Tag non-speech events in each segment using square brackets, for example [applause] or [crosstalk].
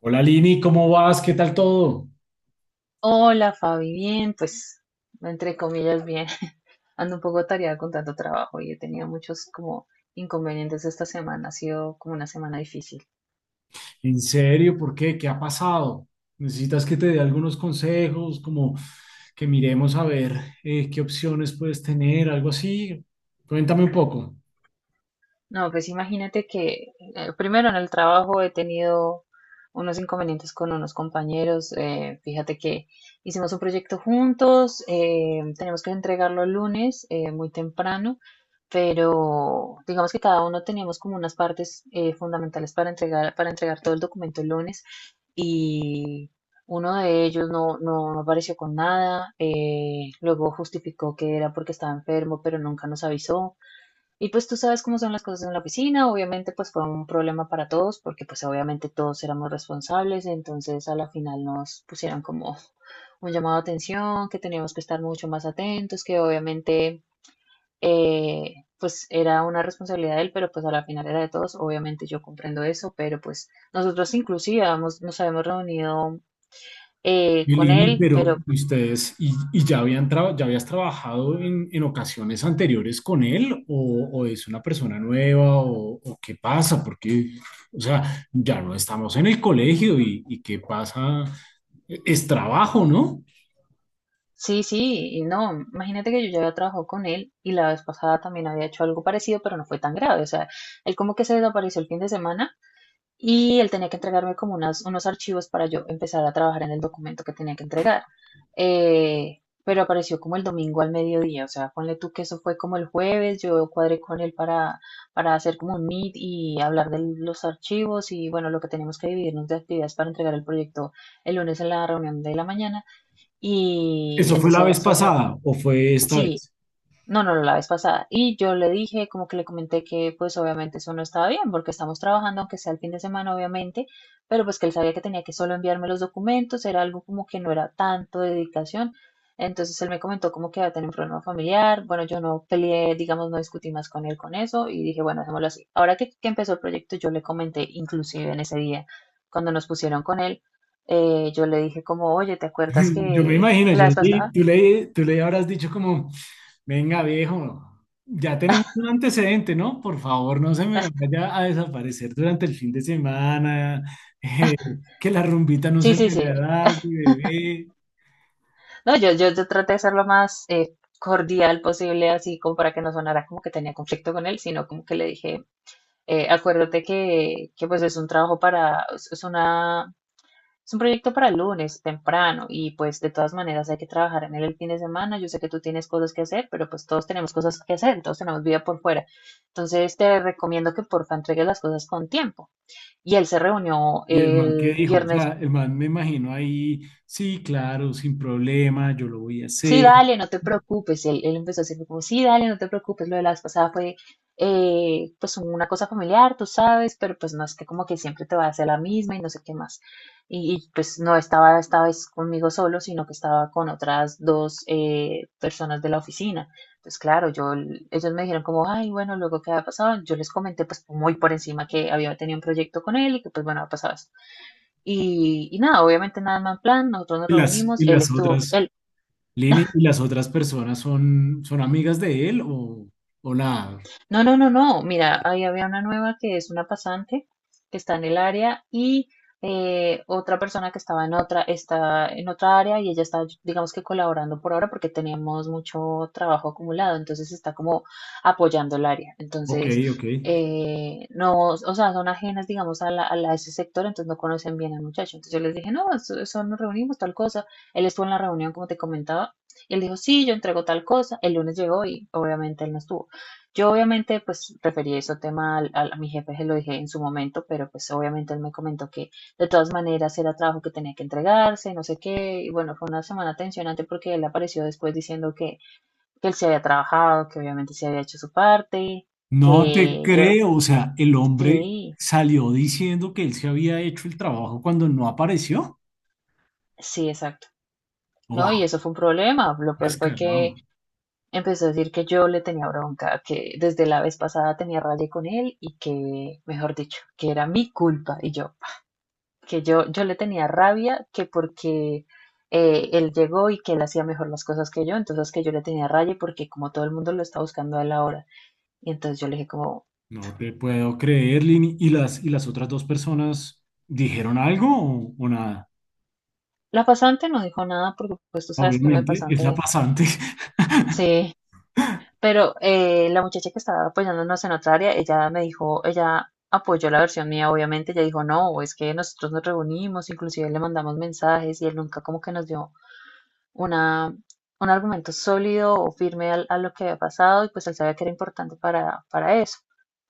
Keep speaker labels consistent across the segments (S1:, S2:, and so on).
S1: Hola Lini, ¿cómo vas? ¿Qué tal todo?
S2: Hola Fabi, bien, pues entre comillas bien. [laughs] Ando un poco atareada con tanto trabajo y he tenido muchos como inconvenientes esta semana. Ha sido como una semana difícil.
S1: ¿En serio? ¿Por qué? ¿Qué ha pasado? ¿Necesitas que te dé algunos consejos, como que miremos a ver qué opciones puedes tener, algo así? Cuéntame un poco.
S2: No, pues imagínate que primero en el trabajo he tenido unos inconvenientes con unos compañeros. Fíjate que hicimos un proyecto juntos, tenemos que entregarlo el lunes muy temprano, pero digamos que cada uno teníamos como unas partes fundamentales para entregar todo el documento el lunes y uno de ellos no apareció con nada, luego justificó que era porque estaba enfermo, pero nunca nos avisó. Y pues tú sabes cómo son las cosas en la oficina, obviamente pues fue un problema para todos porque pues obviamente todos éramos responsables, entonces a la final nos pusieron como un llamado de atención, que teníamos que estar mucho más atentos, que obviamente pues era una responsabilidad de él, pero pues a la final era de todos. Obviamente yo comprendo eso, pero pues nosotros inclusive nos habíamos reunido
S1: Y
S2: con
S1: Lini,
S2: él,
S1: pero
S2: pero
S1: ¿y ustedes, y ya habían ya habías trabajado en ocasiones anteriores con él o es una persona nueva o qué pasa? Porque, o sea, ya no estamos en el colegio y qué pasa, es trabajo, ¿no?
S2: sí, sí, y no, imagínate que yo ya había trabajado con él y la vez pasada también había hecho algo parecido, pero no fue tan grave. O sea, él como que se desapareció el fin de semana y él tenía que entregarme como unos archivos para yo empezar a trabajar en el documento que tenía que entregar. Eh, pero apareció como el domingo al mediodía. O sea, ponle tú que eso fue como el jueves, yo cuadré con él para hacer como un meet y hablar de los archivos y bueno, lo que tenemos que dividirnos de actividades para entregar el proyecto el lunes en la reunión de la mañana. Y
S1: ¿Eso
S2: el
S1: fue
S2: de
S1: la vez
S2: César,
S1: pasada o fue esta
S2: sí,
S1: vez?
S2: no, no, no, la vez pasada. Y yo le dije, como que le comenté que pues obviamente eso no estaba bien, porque estamos trabajando, aunque sea el fin de semana, obviamente, pero pues que él sabía que tenía que solo enviarme los documentos, era algo como que no era tanto de dedicación. Entonces él me comentó como que iba a tener un problema familiar. Bueno, yo no peleé, digamos, no discutí más con él con eso y dije, bueno, hacémoslo así. Ahora que empezó el proyecto, yo le comenté, inclusive en ese día, cuando nos pusieron con él, yo le dije como, oye, ¿te acuerdas
S1: [laughs] Yo me imagino,
S2: que la
S1: yo,
S2: vez
S1: sí,
S2: pasada?
S1: tú le habrás dicho como, venga viejo, ya tenemos un antecedente, ¿no? Por favor, no se me vaya a desaparecer durante el fin de semana, [laughs] eh, que la rumbita no
S2: Sí,
S1: se
S2: sí,
S1: me
S2: sí.
S1: largue, bebé.
S2: No, yo traté de ser lo más cordial posible, así como para que no sonara como que tenía conflicto con él, sino como que le dije, acuérdate que pues es un trabajo para, es una, es un proyecto para el lunes temprano y pues de todas maneras hay que trabajar en él el fin de semana. Yo sé que tú tienes cosas que hacer, pero pues todos tenemos cosas que hacer, todos tenemos vida por fuera. Entonces te recomiendo que porfa entregues las cosas con tiempo. Y él se reunió
S1: Y el man que
S2: el
S1: dijo, o
S2: viernes
S1: sea, el man me imagino ahí, sí, claro, sin problema, yo lo voy a
S2: sí,
S1: hacer.
S2: dale, no te preocupes. Él empezó a decirme como, sí, dale, no te preocupes. Lo de la vez pasada fue pues una cosa familiar, tú sabes, pero pues no es que como que siempre te va a hacer la misma y no sé qué más. Pues no estaba esta vez conmigo solo, sino que estaba con otras dos personas de la oficina. Pues claro, yo, ellos me dijeron como, ay, bueno, luego qué había pasado. Yo les comenté pues muy por encima que había tenido un proyecto con él y que pues bueno, ha pasado esto. Nada, obviamente nada más plan, nosotros nos reunimos,
S1: Y
S2: él
S1: las
S2: estuvo,
S1: otras...
S2: él
S1: Lini, ¿y las otras personas son, son amigas de él o nada?
S2: no, no, no, no. Mira, ahí había una nueva que es una pasante que está en el área y otra persona que estaba en otra, está en otra área y ella está, digamos que colaborando por ahora porque teníamos mucho trabajo acumulado, entonces está como apoyando el área.
S1: Ok,
S2: Entonces,
S1: ok.
S2: no, o sea, son ajenas, digamos, a ese sector, entonces no conocen bien al muchacho. Entonces yo les dije, no, eso nos reunimos, tal cosa. Él estuvo en la reunión, como te comentaba, y él dijo, sí, yo entrego tal cosa. El lunes llegó y obviamente él no estuvo. Yo obviamente pues referí ese tema a mi jefe, se lo dije en su momento, pero pues obviamente él me comentó que de todas maneras era trabajo que tenía que entregarse, no sé qué, y bueno, fue una semana tensionante porque él apareció después diciendo que él se había trabajado, que obviamente se había hecho su parte,
S1: No te
S2: que yo,
S1: creo, o sea, el hombre
S2: sí,
S1: salió diciendo que él se había hecho el trabajo cuando no apareció.
S2: sí, exacto, ¿no? Y
S1: ¡Wow!
S2: eso fue un problema. Lo peor fue que
S1: Descarado.
S2: empezó a decir que yo le tenía bronca, que desde la vez pasada tenía raya con él y que, mejor dicho, que era mi culpa, y yo... que yo le tenía rabia que porque él llegó y que él hacía mejor las cosas que yo, entonces que yo le tenía rabia porque como todo el mundo lo está buscando a él ahora. Y entonces yo le dije como,
S1: No te puedo creer, Lini. Y las otras dos personas dijeron algo o nada?
S2: la pasante no dijo nada porque pues tú sabes que uno de
S1: Obviamente, es la
S2: pasante,
S1: pasante.
S2: sí, pero la muchacha que estaba apoyándonos en otra área, ella me dijo, ella apoyó la versión mía, obviamente, ella dijo, no, es que nosotros nos reunimos, inclusive le mandamos mensajes y él nunca como que nos dio una, un argumento sólido o firme a lo que había pasado y pues él sabía que era importante para eso.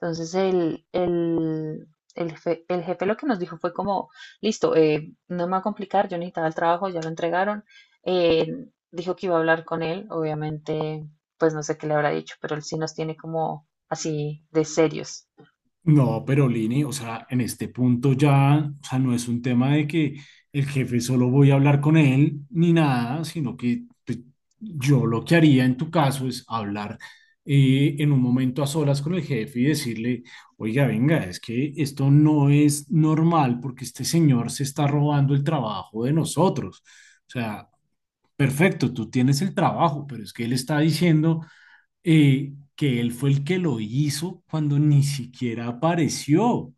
S2: Entonces jefe, el jefe lo que nos dijo fue como, listo, no me va a complicar, yo necesitaba el trabajo, ya lo entregaron. Eh, Dijo que iba a hablar con él, obviamente, pues no sé qué le habrá dicho, pero él sí nos tiene como así de serios.
S1: No, pero Lini, o sea, en este punto ya, o sea, no es un tema de que el jefe solo voy a hablar con él ni nada, sino que pues, yo lo que haría en tu caso es hablar en un momento a solas con el jefe y decirle, oiga, venga, es que esto no es normal porque este señor se está robando el trabajo de nosotros. O sea, perfecto, tú tienes el trabajo, pero es que él está diciendo que él fue el que lo hizo cuando ni siquiera apareció.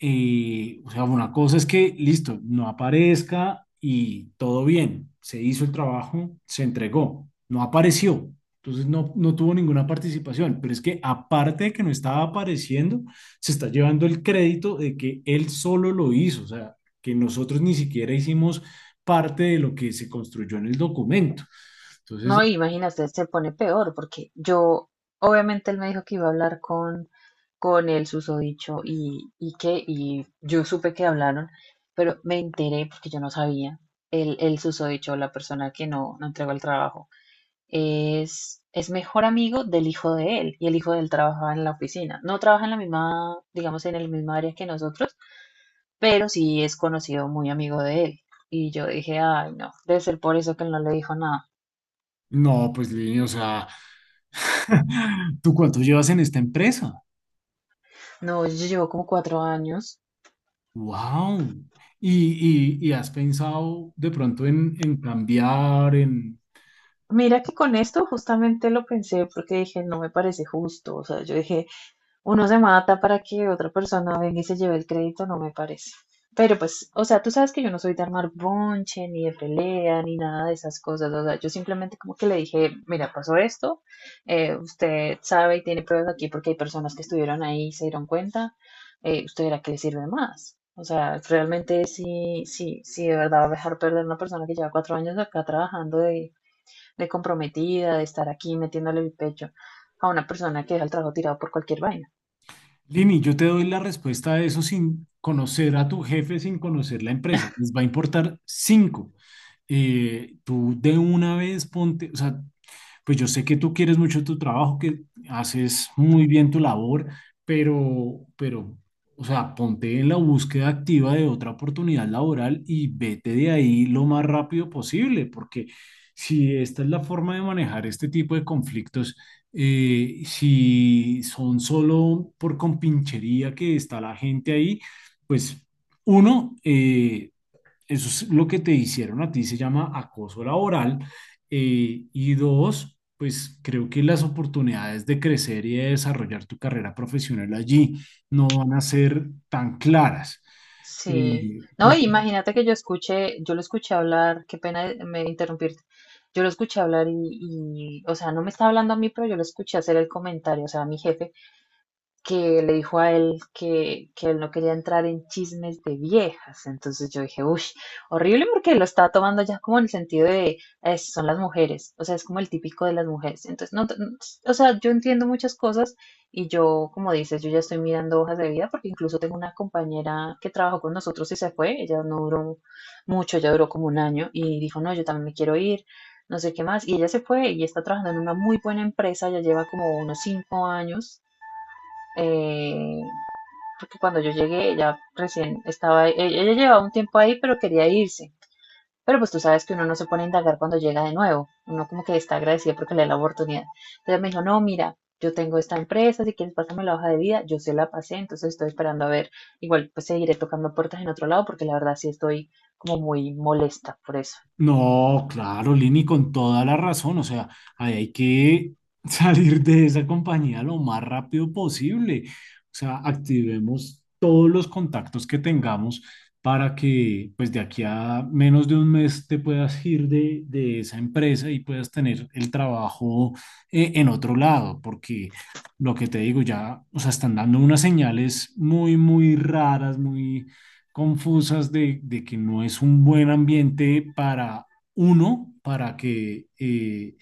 S1: O sea, una cosa es que, listo, no aparezca y todo bien, se hizo el trabajo, se entregó, no apareció. Entonces no, no tuvo ninguna participación, pero es que aparte de que no estaba apareciendo, se está llevando el crédito de que él solo lo hizo, o sea, que nosotros ni siquiera hicimos parte de lo que se construyó en el documento. Entonces,
S2: No, imagínate, se pone peor porque yo, obviamente él me dijo que iba a hablar con el susodicho y yo supe que hablaron, pero me enteré porque yo no sabía. El susodicho, la persona que no entregó el trabajo, es mejor amigo del hijo de él y el hijo de él trabaja en la oficina. No trabaja en la misma, digamos, en el mismo área que nosotros, pero sí es conocido, muy amigo de él. Y yo dije, ay, no, debe ser por eso que él no le dijo nada.
S1: no, pues Lini, o sea, [laughs] ¿tú cuánto llevas en esta empresa?
S2: No, yo llevo como 4 años.
S1: ¡Wow! Y, y has pensado de pronto en cambiar, en...
S2: Mira que con esto justamente lo pensé porque dije, no me parece justo. O sea, yo dije, uno se mata para que otra persona venga y se lleve el crédito, no me parece. Pero pues, o sea, tú sabes que yo no soy de armar bonche, ni de pelea, ni nada de esas cosas. O sea, yo simplemente como que le dije, mira, pasó esto, usted sabe y tiene pruebas aquí porque hay personas que estuvieron ahí y se dieron cuenta, usted verá que le sirve más. O sea, realmente sí, sí, sí, de verdad va a dejar perder una persona que lleva 4 años acá trabajando de comprometida, de estar aquí metiéndole el pecho a una persona que deja el trabajo tirado por cualquier vaina.
S1: Lini, yo te doy la respuesta a eso sin conocer a tu jefe, sin conocer la empresa. Les va a importar cinco. Tú de una vez ponte, o sea, pues yo sé que tú quieres mucho tu trabajo, que haces muy bien tu labor, pero, o sea, ponte en la búsqueda activa de otra oportunidad laboral y vete de ahí lo más rápido posible, porque si esta es la forma de manejar este tipo de conflictos, si son solo por compinchería que está la gente ahí, pues uno, eso es lo que te hicieron a ti, se llama acoso laboral. Y dos, pues creo que las oportunidades de crecer y de desarrollar tu carrera profesional allí no van a ser tan claras.
S2: Sí,
S1: Eh,
S2: no,
S1: por-
S2: y imagínate que yo lo escuché hablar, qué pena me interrumpirte, yo lo escuché hablar o sea, no me estaba hablando a mí, pero yo lo escuché hacer el comentario, o sea, a mi jefe, que le dijo a él que él no quería entrar en chismes de viejas. Entonces yo dije, uff, horrible porque lo estaba tomando ya como en el sentido de, son las mujeres, o sea, es como el típico de las mujeres". Entonces, no, no, o sea, yo entiendo muchas cosas y yo, como dices, yo ya estoy mirando hojas de vida porque incluso tengo una compañera que trabajó con nosotros y se fue, ella no duró mucho, ella duró como 1 año y dijo, no, yo también me quiero ir. No sé qué más, y ella se fue y está trabajando en una muy buena empresa, ya lleva como unos 5 años eh, porque cuando yo llegué, ella recién estaba, ella llevaba un tiempo ahí, pero quería irse. Pero pues tú sabes que uno no se pone a indagar cuando llega de nuevo, uno como que está agradecido porque le da la oportunidad. Entonces me dijo, no, mira, yo tengo esta empresa, si quieres pásame la hoja de vida, yo se la pasé, entonces estoy esperando a ver, igual pues seguiré tocando puertas en otro lado porque la verdad sí estoy como muy molesta por eso.
S1: No, claro, Lini, con toda la razón. O sea, ahí hay que [laughs] salir de esa compañía lo más rápido posible. O sea, activemos todos los contactos que tengamos para que, pues, de aquí a menos de un mes te puedas ir de esa empresa y puedas tener el trabajo en otro lado, porque lo que te digo ya, o sea, están dando unas señales muy, muy raras, muy confusas de que no es un buen ambiente para uno, para que,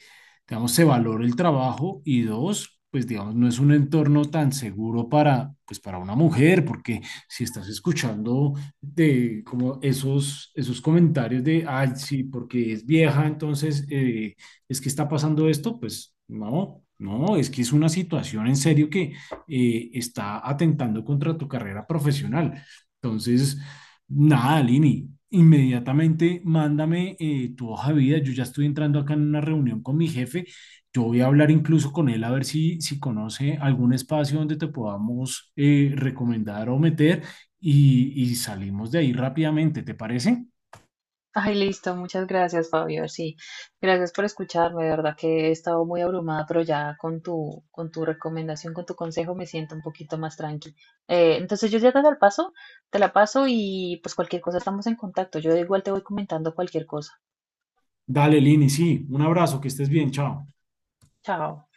S1: digamos, se valore el trabajo y dos, pues digamos, no es un entorno tan seguro para, pues para una mujer, porque si estás escuchando de como esos, esos comentarios de, ay, sí, porque es vieja, entonces es que está pasando esto, pues no, no, es que es una situación en serio que está atentando contra tu carrera profesional. Entonces, nada, Lini. Inmediatamente mándame tu hoja de vida. Yo ya estoy entrando acá en una reunión con mi jefe. Yo voy a hablar incluso con él a ver si, si conoce algún espacio donde te podamos recomendar o meter y salimos de ahí rápidamente. ¿Te parece?
S2: Ay, listo, muchas gracias, Fabio. Sí, gracias por escucharme. De verdad que he estado muy abrumada, pero ya con con tu recomendación, con tu consejo, me siento un poquito más tranqui. Entonces yo ya te la paso y pues cualquier cosa estamos en contacto. Yo igual te voy comentando cualquier cosa.
S1: Dale, Lini, sí. Un abrazo, que estés bien. Chao.
S2: Chao.